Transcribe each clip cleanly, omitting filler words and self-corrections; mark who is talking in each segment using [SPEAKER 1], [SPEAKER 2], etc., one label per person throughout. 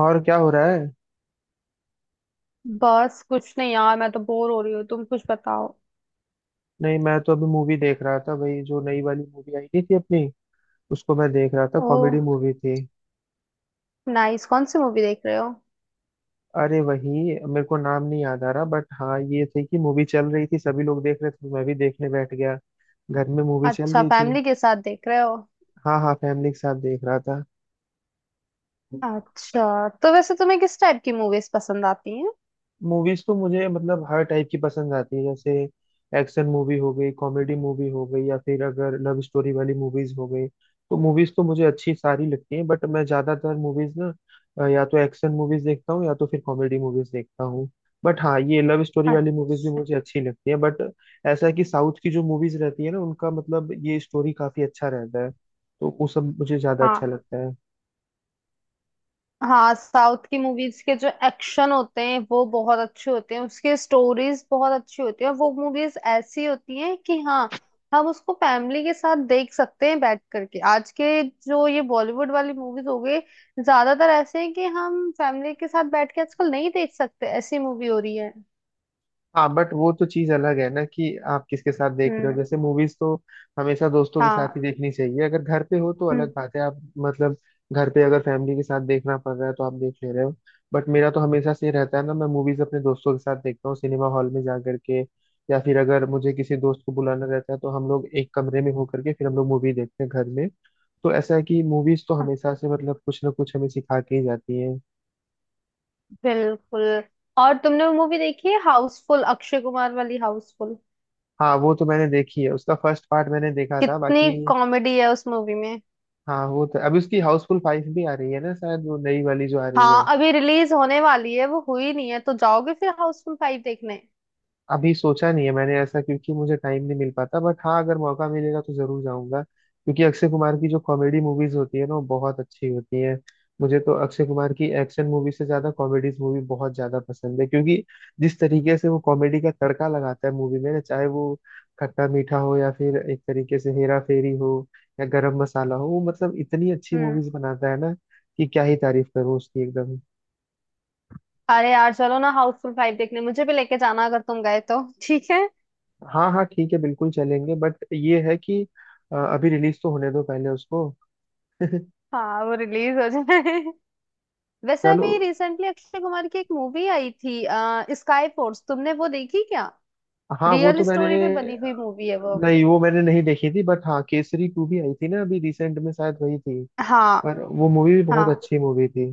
[SPEAKER 1] और क्या हो रहा है।
[SPEAKER 2] बस कुछ नहीं यार, मैं तो बोर हो रही हूँ। तुम कुछ बताओ।
[SPEAKER 1] नहीं, मैं तो अभी मूवी देख रहा था भाई। जो नई वाली मूवी आई नहीं थी अपनी, उसको मैं देख रहा था।
[SPEAKER 2] ओह,
[SPEAKER 1] कॉमेडी मूवी थी।
[SPEAKER 2] नाइस। कौन सी मूवी देख रहे हो?
[SPEAKER 1] अरे वही, मेरे को नाम नहीं याद आ रहा, बट हाँ ये थी कि मूवी चल रही थी, सभी लोग देख रहे थे तो मैं भी देखने बैठ गया। घर में मूवी चल
[SPEAKER 2] अच्छा,
[SPEAKER 1] रही थी।
[SPEAKER 2] फैमिली के साथ देख रहे हो?
[SPEAKER 1] हाँ हाँ, फैमिली के साथ देख रहा था।
[SPEAKER 2] अच्छा, तो वैसे तुम्हें किस टाइप की मूवीज पसंद आती हैं?
[SPEAKER 1] मूवीज तो मुझे मतलब हर टाइप की पसंद आती है। जैसे एक्शन मूवी हो गई, कॉमेडी मूवी हो गई, या फिर अगर लव स्टोरी वाली मूवीज हो गई। तो मूवीज तो मुझे अच्छी सारी लगती हैं, बट मैं ज्यादातर मूवीज ना, या तो एक्शन मूवीज देखता हूँ या तो फिर कॉमेडी मूवीज देखता हूँ। बट हाँ, ये लव स्टोरी वाली मूवीज भी
[SPEAKER 2] अच्छा।
[SPEAKER 1] मुझे अच्छी लगती है, बट ऐसा है कि साउथ की जो मूवीज रहती है ना, उनका मतलब ये स्टोरी काफी अच्छा रहता है, तो वो सब मुझे ज्यादा अच्छा
[SPEAKER 2] हाँ
[SPEAKER 1] लगता है।
[SPEAKER 2] हाँ साउथ की मूवीज के जो एक्शन होते हैं वो बहुत अच्छे होते हैं, उसके स्टोरीज बहुत अच्छी होती है, और वो मूवीज ऐसी होती हैं कि हाँ, हम उसको फैमिली के साथ देख सकते हैं बैठ करके। आज के जो ये बॉलीवुड वाली मूवीज हो गई, ज्यादातर ऐसे हैं कि हम फैमिली के साथ बैठ के आजकल नहीं देख सकते, ऐसी मूवी हो रही है।
[SPEAKER 1] हाँ, बट वो तो चीज अलग है ना कि आप किसके साथ देख रहे हो।
[SPEAKER 2] हम्म।
[SPEAKER 1] जैसे मूवीज तो हमेशा दोस्तों के साथ ही
[SPEAKER 2] हाँ।
[SPEAKER 1] देखनी चाहिए। अगर घर पे हो तो
[SPEAKER 2] हम्म।
[SPEAKER 1] अलग बात है, आप मतलब घर पे अगर फैमिली के साथ देखना पड़ रहा है तो आप देख ले रहे हो। बट मेरा तो हमेशा से ये रहता है ना, मैं मूवीज अपने दोस्तों के साथ देखता हूँ सिनेमा हॉल में जा करके। या फिर अगर मुझे किसी दोस्त को बुलाना रहता है तो हम लोग एक कमरे में होकर के फिर हम लोग मूवी देखते हैं घर में। तो ऐसा है कि मूवीज तो हमेशा से मतलब कुछ ना कुछ हमें सिखा के ही जाती है।
[SPEAKER 2] बिल्कुल। और तुमने वो मूवी देखी है, हाउसफुल, अक्षय कुमार वाली हाउसफुल?
[SPEAKER 1] हाँ, वो तो मैंने देखी है। उसका फर्स्ट पार्ट मैंने देखा था,
[SPEAKER 2] कितनी
[SPEAKER 1] बाकी
[SPEAKER 2] कॉमेडी है उस मूवी में।
[SPEAKER 1] हाँ, वो तो अभी उसकी हाउसफुल फाइव भी आ रही है ना शायद, वो नई वाली जो आ रही
[SPEAKER 2] हाँ,
[SPEAKER 1] है।
[SPEAKER 2] अभी रिलीज होने वाली है, वो हुई नहीं है। तो जाओगे फिर हाउसफुल फाइव देखने?
[SPEAKER 1] अभी सोचा नहीं है मैंने ऐसा, क्योंकि मुझे टाइम नहीं मिल पाता, बट हाँ अगर मौका मिलेगा तो जरूर जाऊंगा, क्योंकि अक्षय कुमार की जो कॉमेडी मूवीज होती है ना, वो बहुत अच्छी होती है। मुझे तो अक्षय कुमार की एक्शन मूवी से ज्यादा कॉमेडीज मूवी बहुत ज्यादा पसंद है, क्योंकि जिस तरीके से वो कॉमेडी का तड़का लगाता है मूवी में ना, चाहे वो खट्टा मीठा हो, या फिर एक तरीके से हेरा फेरी हो, या गरम मसाला हो, वो मतलब इतनी अच्छी
[SPEAKER 2] हम्म।
[SPEAKER 1] मूवीज बनाता है ना कि क्या ही तारीफ करूं उसकी, एकदम।
[SPEAKER 2] अरे यार, चलो ना हाउसफुल फाइव देखने, मुझे भी लेके जाना अगर तुम गए तो। ठीक है।
[SPEAKER 1] हाँ हाँ, ठीक है, बिल्कुल चलेंगे, बट ये है कि अभी रिलीज तो होने दो पहले उसको।
[SPEAKER 2] हाँ, वो रिलीज हो जाए। वैसे
[SPEAKER 1] चलो।
[SPEAKER 2] अभी रिसेंटली अक्षय कुमार की एक मूवी आई थी स्काई फोर्स, तुमने वो देखी क्या?
[SPEAKER 1] हाँ वो
[SPEAKER 2] रियल
[SPEAKER 1] तो
[SPEAKER 2] स्टोरी
[SPEAKER 1] मैंने,
[SPEAKER 2] पे बनी हुई मूवी है वो।
[SPEAKER 1] नहीं वो मैंने नहीं देखी थी, बट हाँ केसरी टू भी आई थी ना अभी रिसेंट में, शायद वही थी।
[SPEAKER 2] हाँ
[SPEAKER 1] पर वो मूवी भी बहुत
[SPEAKER 2] हाँ
[SPEAKER 1] अच्छी मूवी थी।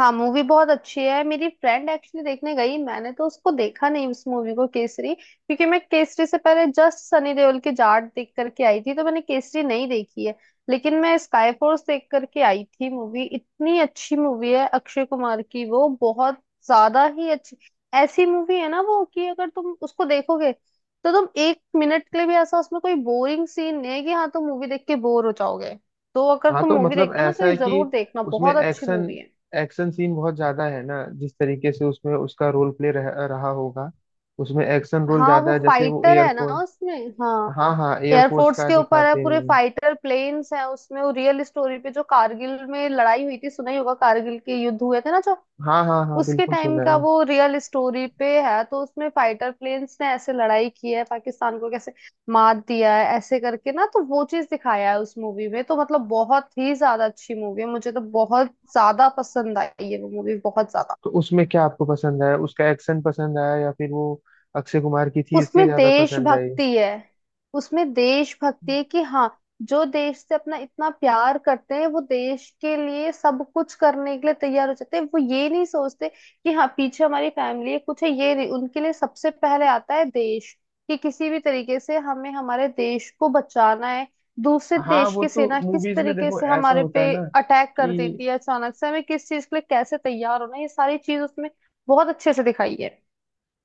[SPEAKER 2] हाँ मूवी बहुत अच्छी है। मेरी फ्रेंड एक्चुअली देखने गई, मैंने तो उसको देखा नहीं, उस मूवी को, केसरी, क्योंकि मैं केसरी से पहले जस्ट सनी देओल की जाट देख करके आई थी, तो मैंने केसरी नहीं देखी है। लेकिन मैं स्काई फोर्स देख करके आई थी। मूवी इतनी अच्छी मूवी है अक्षय कुमार की, वो बहुत ज्यादा ही अच्छी ऐसी मूवी है ना वो, कि अगर तुम उसको देखोगे तो तुम एक मिनट के लिए भी ऐसा उसमें कोई बोरिंग सीन नहीं है कि हाँ तुम मूवी देख के बोर हो जाओगे। तो अगर
[SPEAKER 1] हाँ,
[SPEAKER 2] तुम
[SPEAKER 1] तो
[SPEAKER 2] मूवी
[SPEAKER 1] मतलब
[SPEAKER 2] देखते हो ना, तो
[SPEAKER 1] ऐसा
[SPEAKER 2] ये
[SPEAKER 1] है
[SPEAKER 2] जरूर
[SPEAKER 1] कि
[SPEAKER 2] देखना,
[SPEAKER 1] उसमें
[SPEAKER 2] बहुत अच्छी
[SPEAKER 1] एक्शन
[SPEAKER 2] मूवी है।
[SPEAKER 1] एक्शन सीन बहुत ज्यादा है ना। जिस तरीके से उसमें उसका रोल प्ले रहा होगा, उसमें एक्शन रोल
[SPEAKER 2] हाँ,
[SPEAKER 1] ज्यादा
[SPEAKER 2] वो
[SPEAKER 1] है। जैसे वो
[SPEAKER 2] फाइटर है ना
[SPEAKER 1] एयरफोर्स,
[SPEAKER 2] उसमें। हाँ,
[SPEAKER 1] हाँ हाँ, एयरफोर्स
[SPEAKER 2] एयरफोर्स
[SPEAKER 1] का
[SPEAKER 2] के ऊपर है
[SPEAKER 1] दिखाते
[SPEAKER 2] पूरे,
[SPEAKER 1] हैं।
[SPEAKER 2] फाइटर प्लेन्स हैं उसमें। वो रियल स्टोरी पे, जो कारगिल में लड़ाई हुई थी, सुना ही होगा, कारगिल के युद्ध हुए थे ना जो,
[SPEAKER 1] हाँ हाँ हाँ,
[SPEAKER 2] उसके
[SPEAKER 1] बिल्कुल
[SPEAKER 2] टाइम
[SPEAKER 1] सुना
[SPEAKER 2] का
[SPEAKER 1] है।
[SPEAKER 2] वो, रियल स्टोरी पे है। तो उसमें फाइटर प्लेन्स ने ऐसे लड़ाई की है, पाकिस्तान को कैसे मात दिया है ऐसे करके ना, तो वो चीज दिखाया है उस मूवी में। तो मतलब बहुत ही ज्यादा अच्छी मूवी है, मुझे तो बहुत ज्यादा पसंद आई है वो मूवी, बहुत ज्यादा।
[SPEAKER 1] तो उसमें क्या आपको पसंद आया? उसका एक्शन पसंद आया या फिर वो अक्षय कुमार की थी इसलिए
[SPEAKER 2] उसमें
[SPEAKER 1] ज्यादा पसंद आई?
[SPEAKER 2] देशभक्ति है। उसमें देशभक्ति है कि हाँ, जो देश से अपना इतना प्यार करते हैं, वो देश के लिए सब कुछ करने के लिए तैयार हो जाते हैं। वो ये नहीं सोचते कि हाँ पीछे हमारी फैमिली है, कुछ है, ये नहीं, उनके लिए सबसे पहले आता है देश, कि किसी भी तरीके से हमें हमारे देश को बचाना है। दूसरे
[SPEAKER 1] हाँ,
[SPEAKER 2] देश
[SPEAKER 1] वो
[SPEAKER 2] की
[SPEAKER 1] तो
[SPEAKER 2] सेना किस
[SPEAKER 1] मूवीज में
[SPEAKER 2] तरीके
[SPEAKER 1] देखो
[SPEAKER 2] से
[SPEAKER 1] ऐसा
[SPEAKER 2] हमारे
[SPEAKER 1] होता
[SPEAKER 2] पे
[SPEAKER 1] है ना
[SPEAKER 2] अटैक कर
[SPEAKER 1] कि
[SPEAKER 2] देती है अचानक से, हमें किस चीज के लिए कैसे तैयार होना है, ये सारी चीज उसमें बहुत अच्छे से दिखाई है।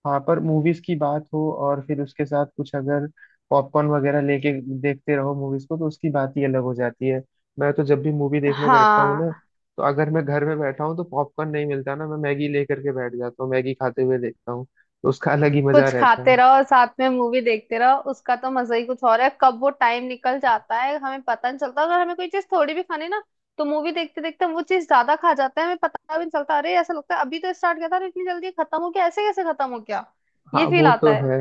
[SPEAKER 1] वहाँ पर मूवीज की बात हो और फिर उसके साथ कुछ अगर पॉपकॉर्न वगैरह लेके देखते रहो मूवीज को, तो उसकी बात ही अलग हो जाती है। मैं तो जब भी मूवी देखने बैठता हूँ ना,
[SPEAKER 2] हाँ,
[SPEAKER 1] तो अगर मैं घर में बैठा हूँ तो पॉपकॉर्न नहीं मिलता ना, मैं मैगी लेकर के बैठ जाता हूँ, मैगी खाते हुए देखता हूँ। तो उसका अलग ही मजा
[SPEAKER 2] कुछ
[SPEAKER 1] रहता है।
[SPEAKER 2] खाते रहो और साथ में मूवी देखते रहो, उसका तो मजा ही कुछ और है। कब वो टाइम निकल जाता है हमें पता नहीं चलता। अगर हमें कोई चीज थोड़ी भी खानी ना, तो मूवी देखते देखते हम वो चीज ज्यादा खा जाते हैं, हमें पता भी नहीं चलता। अरे ऐसा लगता है अभी तो स्टार्ट किया था और इतनी जल्दी खत्म हो गया, ऐसे कैसे खत्म हो गया,
[SPEAKER 1] हाँ
[SPEAKER 2] ये फील
[SPEAKER 1] वो
[SPEAKER 2] आता
[SPEAKER 1] तो
[SPEAKER 2] है।
[SPEAKER 1] है।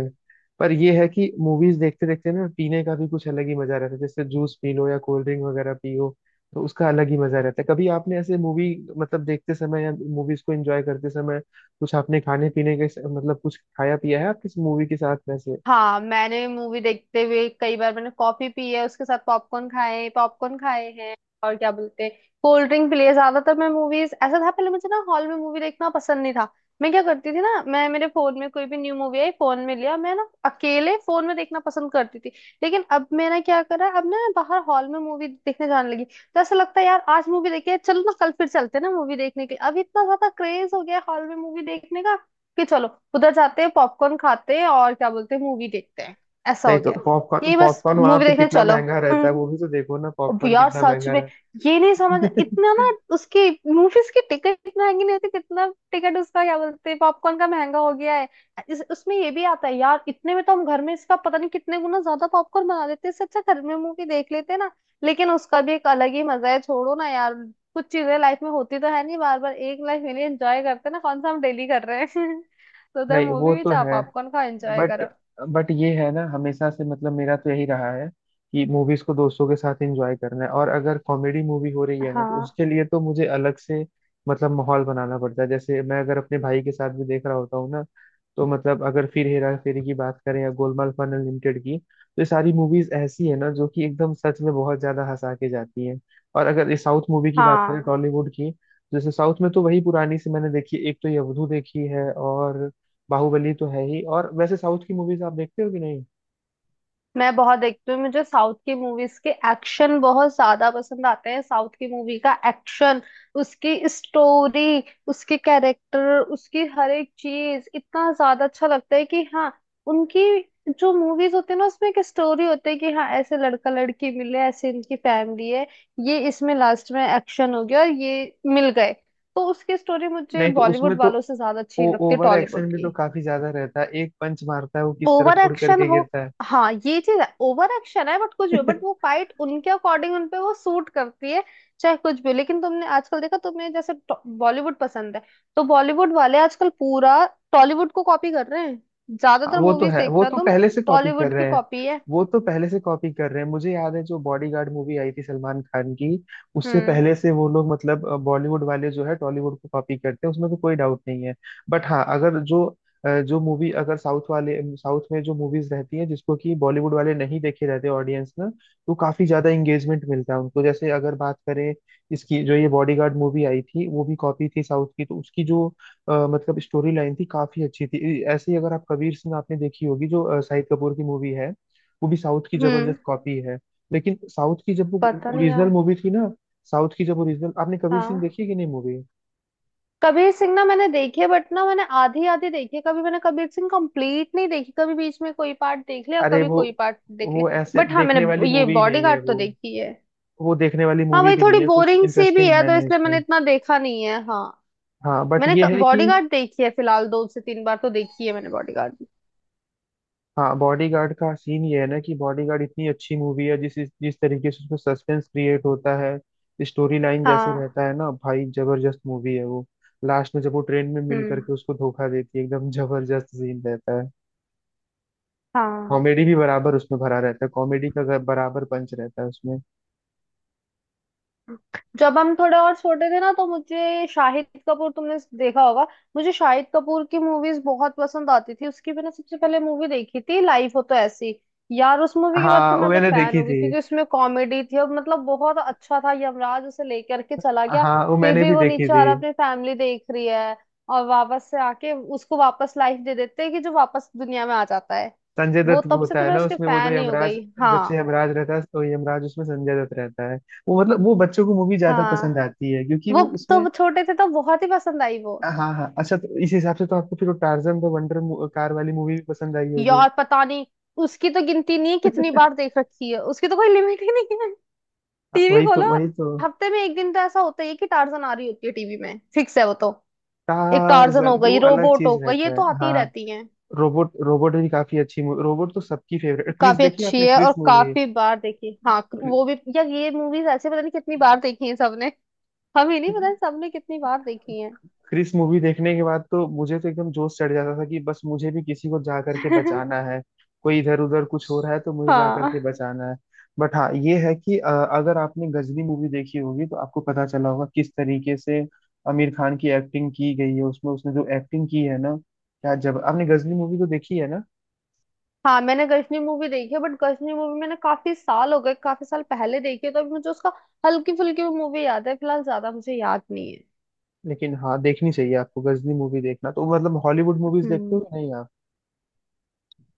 [SPEAKER 1] पर ये है कि मूवीज देखते देखते ना, पीने का भी कुछ अलग ही मजा रहता है। जैसे जूस पी लो या कोल्ड ड्रिंक वगैरह पियो, तो उसका अलग ही मजा रहता है। कभी आपने ऐसे मूवी मतलब देखते समय, या मूवीज को एंजॉय करते समय कुछ आपने खाने पीने मतलब कुछ खाया पिया है आप किस मूवी के साथ वैसे?
[SPEAKER 2] हाँ, मैंने मूवी देखते हुए कई बार मैंने कॉफी पी है, उसके साथ पॉपकॉर्न खाए, पॉपकॉर्न खाए हैं, और क्या बोलते हैं, कोल्ड ड्रिंक पी लिए। ज्यादातर मैं मूवीज, ऐसा था पहले, मुझे ना हॉल में मूवी देखना पसंद नहीं था। मैं क्या करती थी ना, मैं, मेरे फोन में कोई भी न्यू मूवी आई, फोन में लिया, मैं ना अकेले फोन में देखना पसंद करती थी। लेकिन अब मैंने क्या करा, अब ना मैं बाहर हॉल में मूवी देखने जाने लगी, तो ऐसा लगता है यार आज मूवी देखी है, चलो ना कल फिर चलते हैं ना मूवी देखने के लिए। अब इतना ज्यादा क्रेज हो गया हॉल में मूवी देखने का, कि चलो उधर जाते हैं, पॉपकॉर्न खाते हैं, और क्या बोलते हैं, मूवी देखते हैं, ऐसा
[SPEAKER 1] नहीं
[SPEAKER 2] हो
[SPEAKER 1] तो
[SPEAKER 2] गया है।
[SPEAKER 1] पॉपकॉर्न
[SPEAKER 2] यही बस,
[SPEAKER 1] पॉपकॉर्न वहां
[SPEAKER 2] मूवी
[SPEAKER 1] पे
[SPEAKER 2] देखने
[SPEAKER 1] कितना
[SPEAKER 2] चलो।
[SPEAKER 1] महंगा रहता है,
[SPEAKER 2] हम्म।
[SPEAKER 1] वो भी तो देखो ना,
[SPEAKER 2] अब
[SPEAKER 1] पॉपकॉर्न
[SPEAKER 2] यार
[SPEAKER 1] कितना
[SPEAKER 2] सच
[SPEAKER 1] महंगा
[SPEAKER 2] में
[SPEAKER 1] रहता
[SPEAKER 2] ये नहीं समझ
[SPEAKER 1] है।
[SPEAKER 2] इतना ना उसकी, मूवीज की टिकट महंगी नहीं होती, कितना टिकट उसका, क्या बोलते हैं, पॉपकॉर्न का महंगा हो गया है। उसमें ये भी आता है यार, इतने में तो हम घर में इसका पता नहीं कितने गुना ज्यादा पॉपकॉर्न बना देते हैं, इससे अच्छा घर में मूवी देख लेते हैं ना। लेकिन उसका भी एक अलग ही मजा है, छोड़ो ना यार, कुछ चीजें लाइफ में होती तो है नहीं बार बार, एक लाइफ में एंजॉय करते हैं ना, कौन सा हम डेली कर रहे हैं। तो उधर
[SPEAKER 1] नहीं वो
[SPEAKER 2] मूवी भी
[SPEAKER 1] तो
[SPEAKER 2] चाह
[SPEAKER 1] है,
[SPEAKER 2] पॉपकॉर्न का एंजॉय
[SPEAKER 1] बट
[SPEAKER 2] करो।
[SPEAKER 1] बट ये है ना, हमेशा से मतलब मेरा तो यही रहा है कि मूवीज को दोस्तों के साथ एंजॉय करना है। और अगर कॉमेडी मूवी हो रही है ना तो
[SPEAKER 2] हाँ।
[SPEAKER 1] उसके लिए तो मुझे अलग से मतलब माहौल बनाना पड़ता है। जैसे मैं अगर अपने भाई के साथ भी देख रहा होता हूँ ना, तो मतलब अगर फिर हेरा फेरी की बात करें या गोलमाल फन अनलिमिटेड की, तो ये सारी मूवीज ऐसी है ना जो कि एकदम सच में बहुत ज्यादा हंसा के जाती हैं। और अगर ये साउथ मूवी की बात करें,
[SPEAKER 2] हाँ,
[SPEAKER 1] टॉलीवुड की, जैसे साउथ में तो वही पुरानी सी मैंने देखी, एक तो ये अवधू देखी है, और बाहुबली तो है ही। और वैसे साउथ की मूवीज आप देखते हो कि नहीं?
[SPEAKER 2] मैं बहुत देखती हूँ, मुझे साउथ की मूवीज के एक्शन बहुत ज्यादा पसंद आते हैं। साउथ की मूवी का एक्शन, उसकी स्टोरी, उसके कैरेक्टर, उसकी हर एक चीज इतना ज्यादा अच्छा लगता है कि हाँ, उनकी जो मूवीज होती है ना उसमें एक स्टोरी होती है कि हाँ, ऐसे लड़का लड़की मिले, ऐसे इनकी फैमिली है, ये, इसमें लास्ट में एक्शन हो गया और ये मिल गए, तो उसकी स्टोरी मुझे
[SPEAKER 1] नहीं तो उसमें
[SPEAKER 2] बॉलीवुड
[SPEAKER 1] तो
[SPEAKER 2] वालों से ज्यादा अच्छी
[SPEAKER 1] ओ,
[SPEAKER 2] लगती है,
[SPEAKER 1] ओवर
[SPEAKER 2] टॉलीवुड
[SPEAKER 1] एक्शन भी
[SPEAKER 2] की।
[SPEAKER 1] तो काफी ज्यादा रहता है। एक पंच मारता है वो किस तरफ
[SPEAKER 2] ओवर
[SPEAKER 1] उड़
[SPEAKER 2] एक्शन
[SPEAKER 1] करके
[SPEAKER 2] हो,
[SPEAKER 1] गिरता है।
[SPEAKER 2] हाँ ये चीज है, ओवर एक्शन है, बट कुछ भी, बट वो फाइट उनके अकॉर्डिंग उनपे वो सूट करती है, चाहे कुछ भी हो। लेकिन तुमने आजकल देखा, तुम्हें जैसे बॉलीवुड पसंद है, तो बॉलीवुड वाले आजकल पूरा टॉलीवुड को कॉपी कर रहे हैं।
[SPEAKER 1] हाँ,
[SPEAKER 2] ज्यादातर
[SPEAKER 1] वो तो
[SPEAKER 2] मूवीज
[SPEAKER 1] है, वो
[SPEAKER 2] देखता
[SPEAKER 1] तो
[SPEAKER 2] तुम,
[SPEAKER 1] पहले से कॉपी कर
[SPEAKER 2] टॉलीवुड की
[SPEAKER 1] रहे हैं।
[SPEAKER 2] कॉपी है।
[SPEAKER 1] वो तो पहले से कॉपी कर रहे हैं, मुझे याद है जो बॉडीगार्ड मूवी आई थी सलमान खान की, उससे
[SPEAKER 2] हम्म।
[SPEAKER 1] पहले से वो लोग मतलब बॉलीवुड वाले जो है टॉलीवुड को कॉपी करते हैं, उसमें तो कोई डाउट नहीं है। बट हाँ, अगर जो जो मूवी अगर साउथ वाले साउथ में जो मूवीज रहती हैं जिसको कि बॉलीवुड वाले नहीं देखे रहते ऑडियंस में, तो काफी ज्यादा इंगेजमेंट मिलता है उनको। जैसे अगर बात करें इसकी, जो ये बॉडीगार्ड मूवी आई थी वो भी कॉपी थी साउथ की, तो उसकी जो मतलब स्टोरी लाइन थी काफी अच्छी थी। ऐसे ही अगर आप कबीर सिंह आपने देखी होगी, जो शाहिद कपूर की मूवी है, वो भी साउथ की
[SPEAKER 2] हम्म।
[SPEAKER 1] जबरदस्त कॉपी है। लेकिन साउथ की जब वो
[SPEAKER 2] पता नहीं
[SPEAKER 1] ओरिजिनल
[SPEAKER 2] यार।
[SPEAKER 1] मूवी थी ना, साउथ की जब ओरिजिनल, आपने कबीर सिंह
[SPEAKER 2] हाँ,
[SPEAKER 1] देखी है कि नहीं मूवी?
[SPEAKER 2] कबीर सिंह ना मैंने देखे, बट ना मैंने आधी आधी देखी है। कभी मैंने कबीर सिंह कंप्लीट नहीं देखी, कभी बीच में कोई पार्ट देख लिया,
[SPEAKER 1] अरे
[SPEAKER 2] कभी
[SPEAKER 1] वो
[SPEAKER 2] कोई पार्ट देख
[SPEAKER 1] वो
[SPEAKER 2] लिया।
[SPEAKER 1] ऐसे
[SPEAKER 2] बट हाँ,
[SPEAKER 1] देखने वाली
[SPEAKER 2] मैंने ये
[SPEAKER 1] मूवी नहीं है
[SPEAKER 2] बॉडीगार्ड तो
[SPEAKER 1] वो।
[SPEAKER 2] देखी है।
[SPEAKER 1] वो देखने वाली
[SPEAKER 2] हाँ
[SPEAKER 1] मूवी
[SPEAKER 2] भाई,
[SPEAKER 1] भी नहीं
[SPEAKER 2] थोड़ी
[SPEAKER 1] है, कुछ
[SPEAKER 2] बोरिंग सी भी
[SPEAKER 1] इंटरेस्टिंग
[SPEAKER 2] है
[SPEAKER 1] है
[SPEAKER 2] तो
[SPEAKER 1] नहीं
[SPEAKER 2] इसलिए मैंने
[SPEAKER 1] उसमें।
[SPEAKER 2] इतना देखा नहीं है। हाँ,
[SPEAKER 1] हाँ बट
[SPEAKER 2] मैंने
[SPEAKER 1] ये है कि,
[SPEAKER 2] बॉडीगार्ड देखी है फिलहाल, दो से तीन बार तो देखी है मैंने बॉडीगार्ड भी।
[SPEAKER 1] हाँ, बॉडीगार्ड का सीन ये है ना कि बॉडीगार्ड इतनी अच्छी मूवी है, जिस जिस तरीके से उसमें सस्पेंस क्रिएट होता है, स्टोरी लाइन जैसे
[SPEAKER 2] हाँ।
[SPEAKER 1] रहता है ना, भाई जबरदस्त मूवी है वो। लास्ट में जब वो ट्रेन में मिल
[SPEAKER 2] हम्म।
[SPEAKER 1] करके उसको धोखा देती है, एकदम जबरदस्त सीन रहता है।
[SPEAKER 2] हाँ।
[SPEAKER 1] कॉमेडी भी बराबर उसमें भरा रहता है, कॉमेडी का बराबर पंच रहता है उसमें।
[SPEAKER 2] जब हम थोड़े और छोटे थे ना, तो मुझे शाहिद कपूर, तुमने देखा होगा, मुझे शाहिद कपूर की मूवीज बहुत पसंद आती थी। उसकी मैंने सबसे पहले मूवी देखी थी लाइफ हो तो ऐसी। यार उस मूवी के बाद
[SPEAKER 1] हाँ,
[SPEAKER 2] तो
[SPEAKER 1] वो
[SPEAKER 2] मैं तो
[SPEAKER 1] मैंने
[SPEAKER 2] फैन
[SPEAKER 1] देखी
[SPEAKER 2] हो गई,
[SPEAKER 1] थी।
[SPEAKER 2] क्योंकि उसमें कॉमेडी थी और मतलब बहुत अच्छा था, यमराज उसे लेकर के चला गया,
[SPEAKER 1] हाँ, वो
[SPEAKER 2] फिर
[SPEAKER 1] मैंने
[SPEAKER 2] भी
[SPEAKER 1] भी
[SPEAKER 2] वो
[SPEAKER 1] देखी
[SPEAKER 2] नीचे आ
[SPEAKER 1] थी।
[SPEAKER 2] रहा अपनी फैमिली देख रही है, और वापस से आके उसको वापस लाइफ दे देते हैं कि जो, वापस दुनिया में आ जाता है।
[SPEAKER 1] संजय
[SPEAKER 2] वो
[SPEAKER 1] दत्त वो
[SPEAKER 2] तब से
[SPEAKER 1] होता
[SPEAKER 2] तो
[SPEAKER 1] है
[SPEAKER 2] मैं
[SPEAKER 1] ना
[SPEAKER 2] उसके
[SPEAKER 1] उसमें, वो जो
[SPEAKER 2] फैन ही हो
[SPEAKER 1] यमराज,
[SPEAKER 2] गई।
[SPEAKER 1] जब से
[SPEAKER 2] हाँ।
[SPEAKER 1] यमराज रहता है, तो यमराज उसमें संजय दत्त रहता है। वो मतलब वो बच्चों को मूवी ज्यादा पसंद
[SPEAKER 2] हाँ,
[SPEAKER 1] आती है, क्योंकि
[SPEAKER 2] वो,
[SPEAKER 1] वो उसमें।
[SPEAKER 2] तो छोटे थे तो बहुत ही पसंद आई वो।
[SPEAKER 1] हाँ हाँ हाँ। अच्छा, तो इस हिसाब से तो आपको फिर वो टार्जन द वंडर कार वाली मूवी भी पसंद आई होगी।
[SPEAKER 2] यार पता नहीं, उसकी तो गिनती नहीं है कितनी बार देख रखी है, उसकी तो कोई लिमिट ही नहीं है।
[SPEAKER 1] हाँ,
[SPEAKER 2] टीवी
[SPEAKER 1] वही तो,
[SPEAKER 2] खोलो,
[SPEAKER 1] वही तो।
[SPEAKER 2] हफ्ते में एक दिन तो ऐसा होता ही है कि टार्जन आ रही होती है टीवी में, फिक्स है वो तो। एक टार्जन हो
[SPEAKER 1] टार्जन तो वो
[SPEAKER 2] गई,
[SPEAKER 1] अलग
[SPEAKER 2] रोबोट
[SPEAKER 1] चीज
[SPEAKER 2] हो गई, ये
[SPEAKER 1] रहता है
[SPEAKER 2] तो आती ही
[SPEAKER 1] हाँ।
[SPEAKER 2] रहती है।
[SPEAKER 1] रोबोट रोबोट भी काफी अच्छी मूवी, रोबोट तो सबकी फेवरेट। क्रिस
[SPEAKER 2] काफी
[SPEAKER 1] देखी
[SPEAKER 2] अच्छी
[SPEAKER 1] आपने,
[SPEAKER 2] है और
[SPEAKER 1] क्रिस मूवी?
[SPEAKER 2] काफी बार देखी, हाँ। वो भी यार, ये मूवीज ऐसे पता नहीं कितनी बार देखी है सबने, हमें नहीं पता सबने कितनी बार देखी है।
[SPEAKER 1] क्रिस मूवी देखने के बाद तो मुझे तो एकदम जोश चढ़ जाता था कि बस मुझे भी किसी को जा करके बचाना है। कोई इधर उधर कुछ हो रहा है तो मुझे जा करके
[SPEAKER 2] हाँ।
[SPEAKER 1] बचाना है। बट हाँ ये है कि अगर आपने गजनी मूवी देखी होगी तो आपको पता चला होगा किस तरीके से आमिर खान की एक्टिंग की गई है उसमें। उसने जो एक्टिंग की है ना क्या, जब आपने गजनी मूवी तो देखी है ना?
[SPEAKER 2] हाँ, मैंने गजनी मूवी देखी है, बट गजनी मूवी मैंने काफी साल हो गए, काफी साल पहले देखी है, तो अभी मुझे उसका हल्की फुल्की मूवी याद है, फिलहाल ज्यादा मुझे याद नहीं है।
[SPEAKER 1] लेकिन हाँ, देखनी चाहिए आपको गजनी मूवी। देखना तो मतलब हॉलीवुड मूवीज देखते हो
[SPEAKER 2] हम्म।
[SPEAKER 1] कि नहीं आप?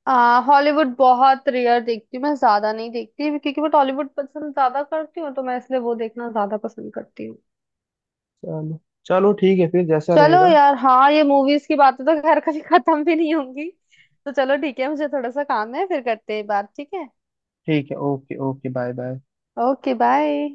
[SPEAKER 2] आ हॉलीवुड बहुत रेयर देखती हूँ, मैं ज्यादा नहीं देखती, क्योंकि मैं टॉलीवुड पसंद ज्यादा करती हूँ, तो मैं इसलिए वो देखना ज्यादा पसंद करती हूँ।
[SPEAKER 1] चलो, चलो ठीक है, फिर जैसा
[SPEAKER 2] चलो
[SPEAKER 1] रहेगा।
[SPEAKER 2] यार, हाँ ये मूवीज की बातें तो खैर कभी खत्म भी नहीं होंगी, तो चलो ठीक है, मुझे थोड़ा सा काम है, फिर करते हैं बात, ठीक है।
[SPEAKER 1] ठीक है, okay okay, bye bye.
[SPEAKER 2] Okay, bye.